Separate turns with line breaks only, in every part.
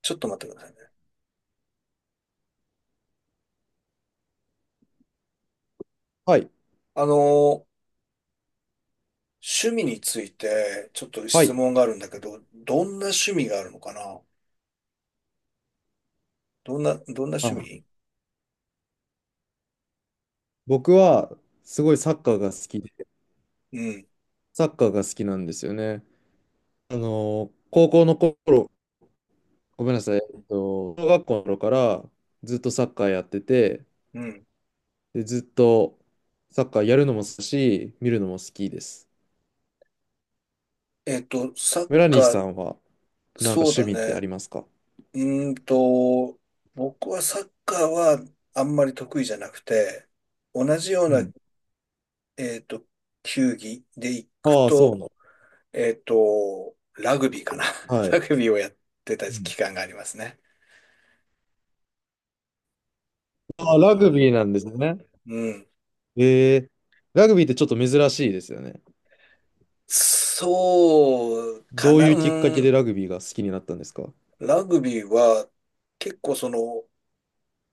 ちょっと待ってくださいね。
はい。
あのー、趣味について、ちょっと
は
質
い。
問があるんだけど、どんな趣味があるのかな？どんな趣
あ、
味？
僕は、すごいサッカーが好きで、
うん、
サッカーが好きなんですよね。あの高校の頃、ごめんなさい、小学校の頃からずっとサッカーやってて、
うん。
で、ずっとサッカーやるのも好きだし、見るのも好きです。
サッ
村西
カ
さ
ー、
んは、なんか
そう
趣
だ
味ってあ
ね。
りますか？
うーんと、僕はサッカーはあんまり得意じゃなくて、同じよう
う
な、
ん。
えっと、球技で行く
ああ、そうな
と、
の。
ラグビーかな。
は
ラ
い。
グビーをやってた
うん。
期間がありますね。
ああ、ラグビーなんですね。
うん。
えー、ラグビーってちょっと珍しいですよね。
そうか
どう
な、
いうきっか
う
けで
ん、
ラグビーが好きになったんですか？
ラグビーは結構その、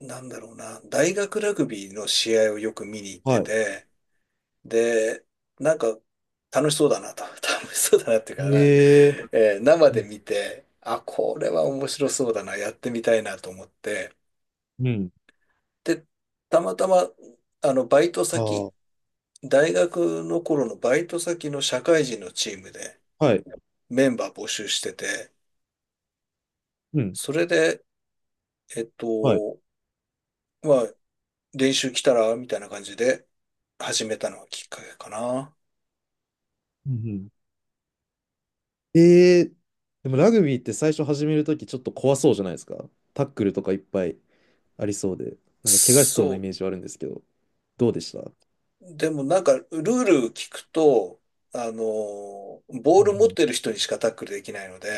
なんだろうな、大学ラグビーの試合をよく見に行っ
は
て
い。
て、で、なんか楽しそうだなと、楽しそうだなっていうかね、
ええ。
生
う
で
ん、
見て、あ、これは面白そうだな、やってみたいなと思って、
うん。
で、たまたま、あの、バイト
あ
先、
あ、
大学の頃のバイト先の社会人のチームで
はい。
メンバー募集してて、
うん、
それで、えっ
はい。
と、まあ、練習来たらみたいな感じで始めたのがきっかけかな。
うん、うん。ええ。でもラグビーって最初始めるときちょっと怖そうじゃないですか。タックルとかいっぱいありそうで、なんか怪我しそうな
そ
イ
う。
メージはあるんですけど、どうでした？う
でもなんか、ルール聞くと、あの、ボール持って
ん
る人にしかタックルできないので、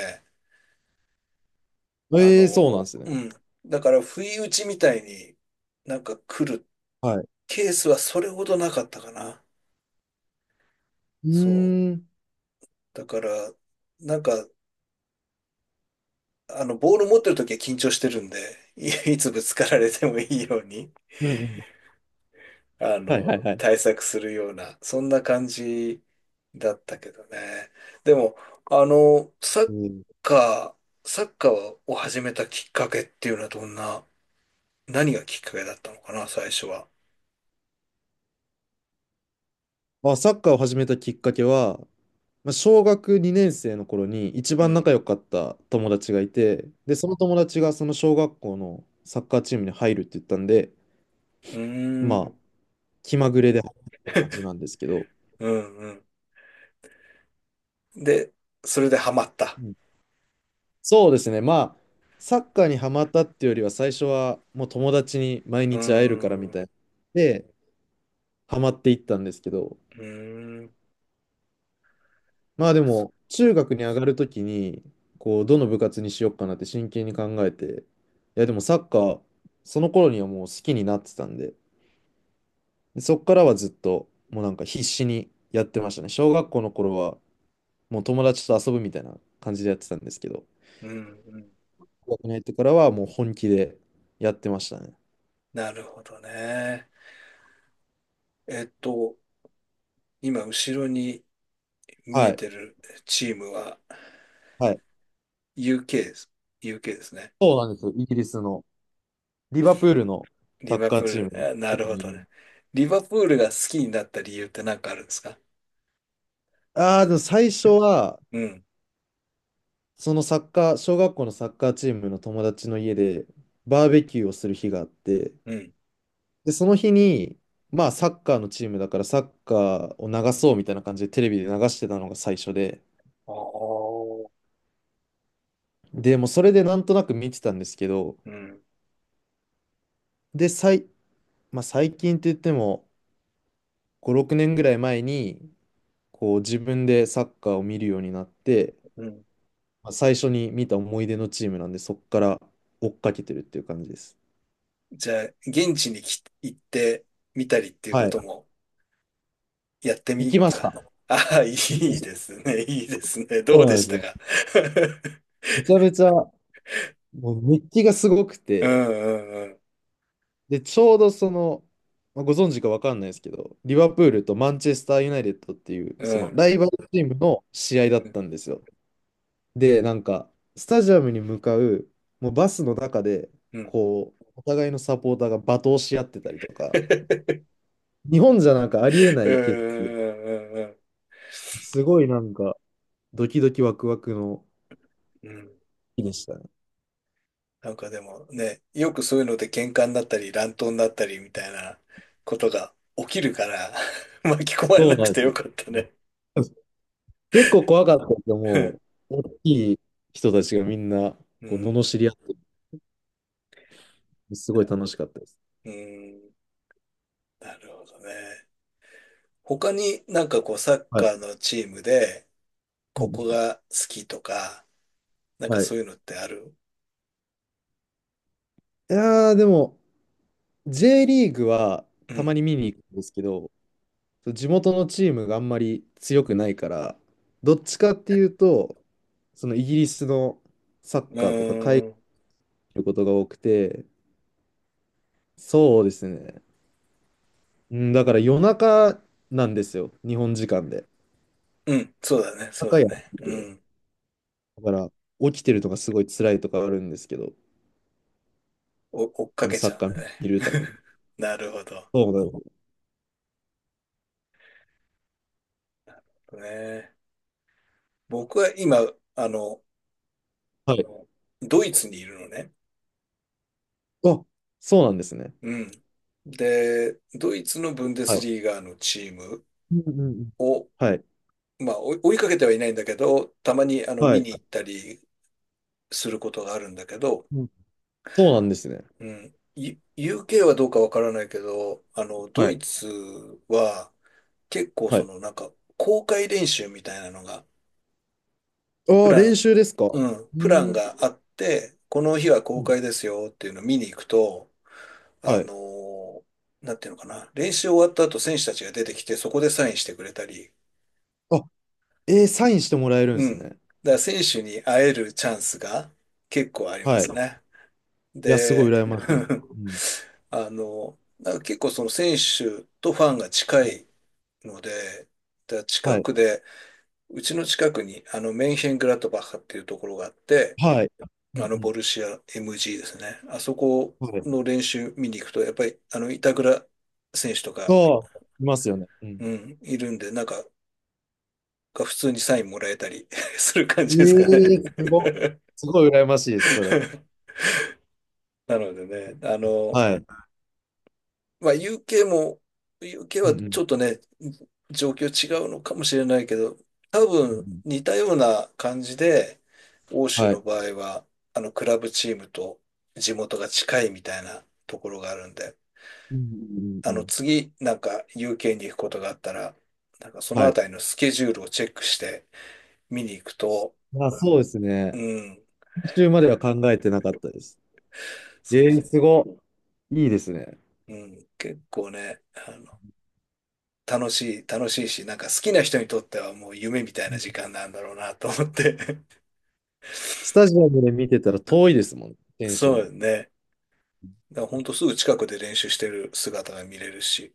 うん。
あ
ええ、そうなんで
の、
すね。
うん。だから、不意打ちみたいになんか来る
はい。
ケースはそれほどなかったかな。
う
そう。
ーん。
だから、なんか、あの、ボール持ってる時は緊張してるんで、つぶつかられてもいいように。
うんうん。
あ
はいはい
の、
はい。
対策するような、そんな感じだったけどね。でも、あの、
うん、
カサッカーを始めたきっかけっていうのはどんな、何がきっかけだったのかな、最初は。
まあ、サッカーを始めたきっかけは、まあ小学2年生の頃に一
う
番
ん。
仲良かった友達がいて、で、その友達がその小学校のサッカーチームに入るって言ったんで、
うー
まあ、
ん。
気まぐれで入った感じなんですけど、
うんうん。で、それでハマった。
うん。そうですね、まあ、サッカーにハマったっていうよりは、最初はもう友達に毎
う
日会えるから
ーん。
み
う
たいな。で、ハマっていったんですけど、
ーん。
まあでも、中学に上がるときに、こう、どの部活にしようかなって真剣に考えて、いや、でもサッカー、その頃にはもう好きになってたんで、でそっからはずっと、もうなんか必死にやってましたね。小学校の頃は、もう友達と遊ぶみたいな感じでやってたんですけど、
うんうん。
高校に入ってからはもう本気でやってましたね。
なるほどね。えっと、今、後ろに見
は
え
い。
てるチームは
はい。
UK です。UK ですね。
そうなんですよ。イギリスの、リバプールの
リ
サッ
バ
カ
プ
ー
ー
チームの
ル、あな
こ
る
と
ほ
もいる。
どね。リバプールが好きになった理由って何かあるんですか？
ああ、でも最初は、
うん、
そのサッカー、小学校のサッカーチームの友達の家で、バーベキューをする日があって、
うん、
で、その日に、まあ、サッカーのチームだから、サッカーを流そうみたいな感じでテレビで流してたのが最初で、
ああ、
で、もうそれでなんとなく見てたんですけど、
うん、
で、まあ、最近って言っても5、6年ぐらい前にこう自分でサッカーを見るようになって、
うん。
まあ、最初に見た思い出のチームなんで、そこから追っかけてるっていう感じです。
じゃあ、現地に行ってみたりっていうこ
はい。
ともやって
行
み
きまし
た。
た。
ああ、い
行きま
い
した。
ですね、いいですね。どう
そう
で
なん
し
です
た
よ。
か？
めちゃめちゃ、もう熱気がすごく
う
て、
ん、うん、
で、ちょうどその、まあ、ご存知かわかんないですけど、リバプールとマンチェスターユナイテッドっていう、
う
その
ん、
ライバルチームの試合だっ
うん、
たんですよ。で、なんか、スタジアムに向かう、もうバスの中で、
うん、うん、うん、
こう、お互いのサポーターが罵倒し合ってたりとか、日本じゃなんかありえないけど、
うん、うん、うん。
すごいなんか、ドキドキワクワクの
うん
日でしたね。
なんかでもね、よくそういうので喧嘩になったり乱闘になったりみたいなことが起きるから 巻き込まれ
そ
な
う
く
なんで
てよかったね。
す。結構怖かったけど、も う、大きい人たちがみんな、
う
こう、
ん。
罵り合って、すごい楽しかったです。
うん。なるほどね。他になんかこうサッ
はい。
カーのチームで
うん
こ
う
こ
ん。
が好きとか、なんか
はい。い
そういうのってある？
やー、でも、J リーグは
う
たま
ん。
に見に行くんですけど、そう地元のチームがあんまり強くないから、どっちかっていうと、そのイギリスのサ
う
ッカーとか海外に
ーん。
いることが多くて、そうですね。うん、だから夜中なんですよ、日本時間で。夜
うん。そうだね。そう
中
だ
やっ
ね。
て
う
て、
ん。
だから起きてるのがすごい辛いとかあるんですけど、
追っ
あ
か
の
け
サ
ちゃ
ッ
うん
カ
だ
ー
ね。
見るために。
なるほど。
そうなの。
ね。僕は今、あの、
はい。
ドイツにいるのね。
あ、そうなんですね。
うん。で、ドイツのブンデ
は
ス
い。
リーガのチーム
うんうんうん。
を、
はい。
まあ、追いかけてはいないんだけど、たまにあの
は
見
い。
に行ったりすることがあるんだけど、
うん。そうなんですね。
うん、UK はどうかわからないけど、あの、ド
は
イ
い。
ツは結構
は
そ
い。
のなんか公開練習みたいなのが、プ
ああ、
ラ
練
ン、
習ですか。
うん、
う
プラン
ん。
があって、この日は公開ですよっていうのを見に行くと、あ
はい。
の、なんていうのかな、練習終わった後選手たちが出てきてそこでサインしてくれたり、
あ、えー、サインしてもらえるんで
う
す
ん。だか
ね。
ら選手に会えるチャンスが結構ありま
はい。
す
い
ね。
や、すごい
で、
羨ましい。うん。
あの、だから結構その選手とファンが近いので、だから
は
近
い。
くで、うちの近くにあのメンヘングラートバッハっていうところがあって、
はい。う
あ
んう
の
ん。
ボルシア MG ですね。あそこ
はい。
の練習見に行くと、やっぱりあの板倉選手とか、
そう、いますよね。うん。
うん、いるんで、なんか普通にサインもらえたり する感
え
じですかね。
え。すごい。すごい羨ましいです、それ。
なのでね、あの、
はい。う
まあ、UK も、UK
ん
は
うん。う
ち
ん
ょっとね、状況違うのかもしれないけど、多
う
分
ん。
似たような感じで、欧州
は
の
い。
場合は、あの、クラブチームと地元が近いみたいなところがあるんで、
うんうんう
あ
んう
の、
ん。
次、なんか UK に行くことがあったら、なんかその
は
あ
い。
たりのスケジュールをチェックして見に行くと、
あ、そうです
う
ね。
ん、
途中までは考えてなかったです。
そ
え
うそ
え。すごい。いいですね。
う、うん、結構ね、あの楽しいし、なんか好きな人にとってはもう夢みたい
う
な
ん。
時間なんだろうなと思って。
スタジアムで見てたら遠いですもん、選手
そう
も。
よね。だからほんとすぐ近くで練習してる姿が見れるし、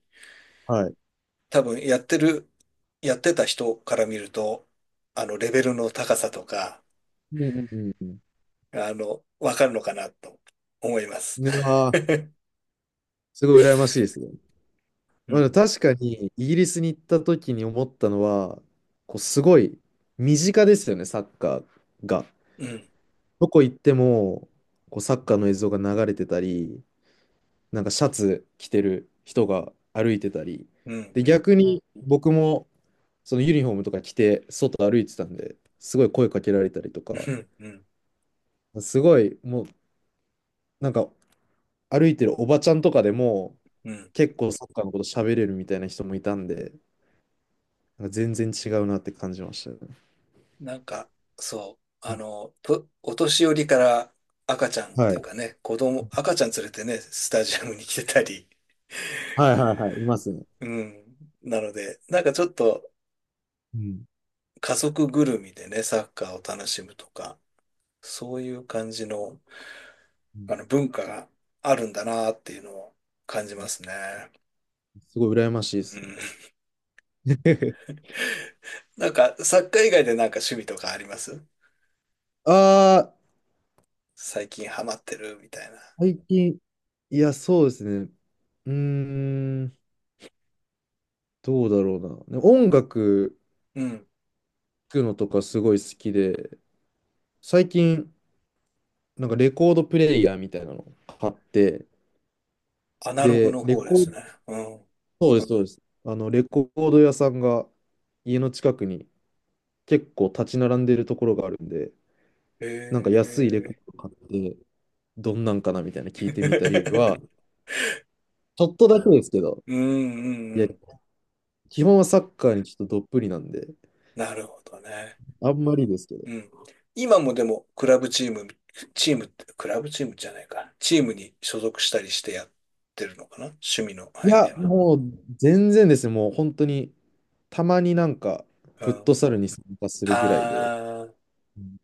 はい。
多分やってた人から見ると、あの、レベルの高さとか、
うんうんうんうん。
あの、わかるのかなと思います。
いやー、すごい羨ましいですね。
う
うん。
ん、
確かに、イギリスに行った時に思ったのは、こうすごい身近ですよね、サッカーが。
うん、
どこ行っても、こうサッカーの映像が流れてたり、なんかシャツ着てる人が歩いてたり。
うん、
で、
うん、
逆に僕もそのユニフォームとか着て外歩いてたんで、すごい声かけられたりと
う
か、
ん、うん、
すごいもうなんか歩いてるおばちゃんとかでも
うん。
結構サッカーのこと喋れるみたいな人もいたんで、なんか全然違うなって感じましたね。
なんか、そう、あの、お年寄りから赤ちゃんっ
は
て
い。
いうかね、赤ちゃん連れてね、スタジアムに来てたり、
はいはいはい。いますね。
うん。なので、なんかちょっと
うん。
家族ぐるみでね、サッカーを楽しむとか、そういう感じの、
うん。
あの文化があるんだなっていうのを感じますね。
すごい羨ましいで
う
すね。
ん。なんかサッカー以外でなんか趣味とかあります？
ああ、
最近ハマってるみたいな。
最近、いや、そうですね。うーん、どうだろうな。ね、音楽
うん。
聴くのとかすごい好きで、最近、なんかレコードプレイヤーみたいなの買って、
アナログ
で、
の
レ
方で
コー
す
ド、
ね。うん。
そうです、そうです。あの、レコード屋さんが家の近くに結構立ち並んでるところがあるんで、
へ
なんか安いレコー
え。
ド買って、どんなんかなみたいな聞いてみたりは、ちょっとだけですけど、
うんう
い
んう
や、
ん。
基本はサッカーにちょっとどっぷりなんで、
なるほどね。
あんまりですけど。
うん。今もでも、クラブチーム、チームって、クラブチームじゃないか。チームに所属したりしてやってるのかな？趣味の
い
範囲
や、
では。
もう全然ですね、もう本当に、たまになんか、
う
フット
ん。
サルに参加す
あ
るぐらいで、
ー、
うん。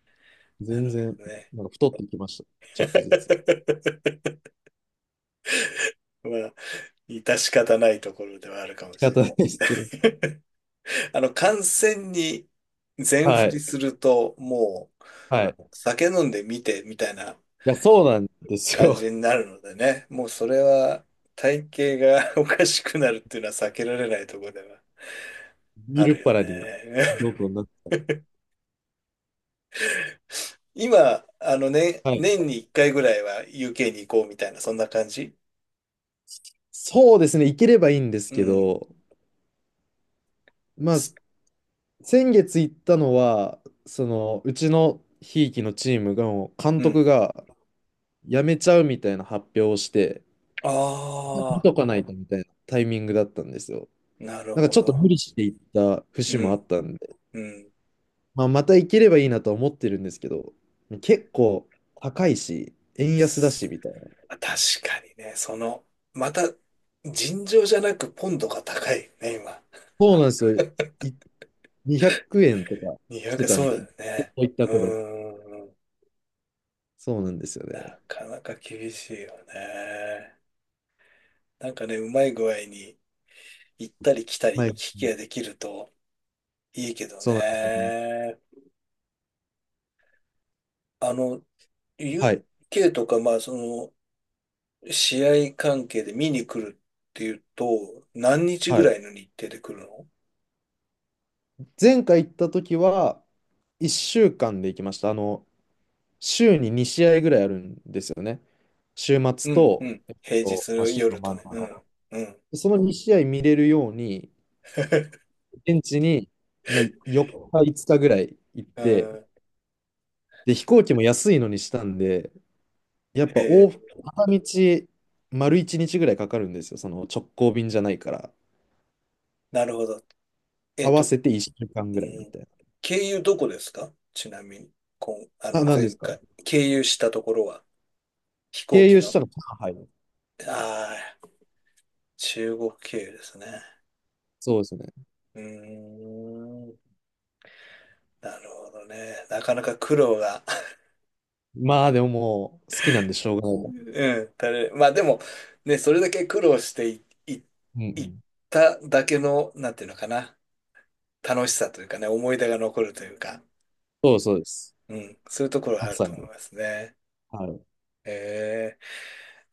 なる
全然、
ほどね。
なんか太ってきました。ちょっとずつ。
まあ、致し方ないところではあるかも
仕
し
方ないですけど。
れない。あの、観戦に全
は
振り
い。
すると、もう、
はい。い
酒飲んで見てみたいな
や、そうなんです
感
よ。
じになるのでね、もうそれは体型が おかしくなるっていうのは避けられないところでは
見
あ
るっ
るよ
ぱらに、
ね。
どこになって、
今、あのね、
はい。
年に1回ぐらいは UK に行こうみたいな、そんな感じ？
そうですね、行ければいいんです
う
け
ん。
ど、まあ、
す
先月行ったのは、その、うちのひいきのチームが、監
うん。
督が辞めちゃうみたいな発表をして、見
あ
とかないとみたいなタイミングだったんですよ。
あ、なる
なんか
ほ
ちょっと無
ど。
理して行った節
う
もあっ
ん、
たんで、
うん。
まあ、また行ければいいなとは思ってるんですけど、結構高いし、円安だし
す
みたいな。
確かにね、その、また、尋常じゃなくポンドが高いね、今。
そうなんですよ。い200円とかして
200、
たん
そ
で、
うだ
こ
よね。
こ行った
う
頃。
ーん。
そうなんですよね。
なかなか厳しいよね。なんかね、うまい具合に行ったり来た
は
り
い。
行き来ができるといいけど
そうなんですよね。
ね。あの、
はい。
UK とか、まあ、その、試合関係で見に来るっていうと、何日
は
ぐらい
い。
の日程で来るの？
前回行った時は、1週間で行きました。あの、週に2試合ぐらいあるんですよね。週末
うん、う
と、
ん。平日
まあ、
の
週の
夜
真
と
ん
ね。う
中だ。
ん、うん。
でその2試合見れるように、現地に、まあ、4日、5日ぐらい行っ
う
て、
ん、
で、飛行機も安いのにしたんで、やっ
へ
ぱ往
え、
復、片道、丸1日ぐらいかかるんですよ。その直行便じゃないから。
なるほど。え
合
っ
わ
と、う
せて1週間ぐらいみ
ん、
たい
経由どこですか？ちなみに、あ
な。あ、
の、
なんで
前
すか？
回、経由したところは、飛行
経
機
由し
の、
たの、上海。
ああ、中国経由ですね。
そうですね。
うーん、なるほどね。なかなか苦労が
まあでももう好きなんでしょうがないもん。
うん、まあでも、ね、それだけ苦労してい、い、
うんう
いっ
ん。
ただけの、なんていうのかな、楽しさというかね、思い出が残るというか、
そうそうです。
うん、そういうところはあ
ま
る
さ
と
に。
思いますね。
はい。
え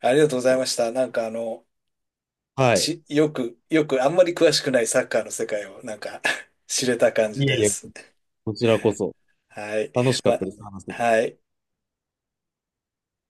ありがとうございました。なんかあの、
はい。
よく、あんまり詳しくないサッカーの世界を、なんか 知れた感じ
いえい
で
え、
す。
こちらこそ
はい。
楽しかっ
ま、
たです。話せて
はい。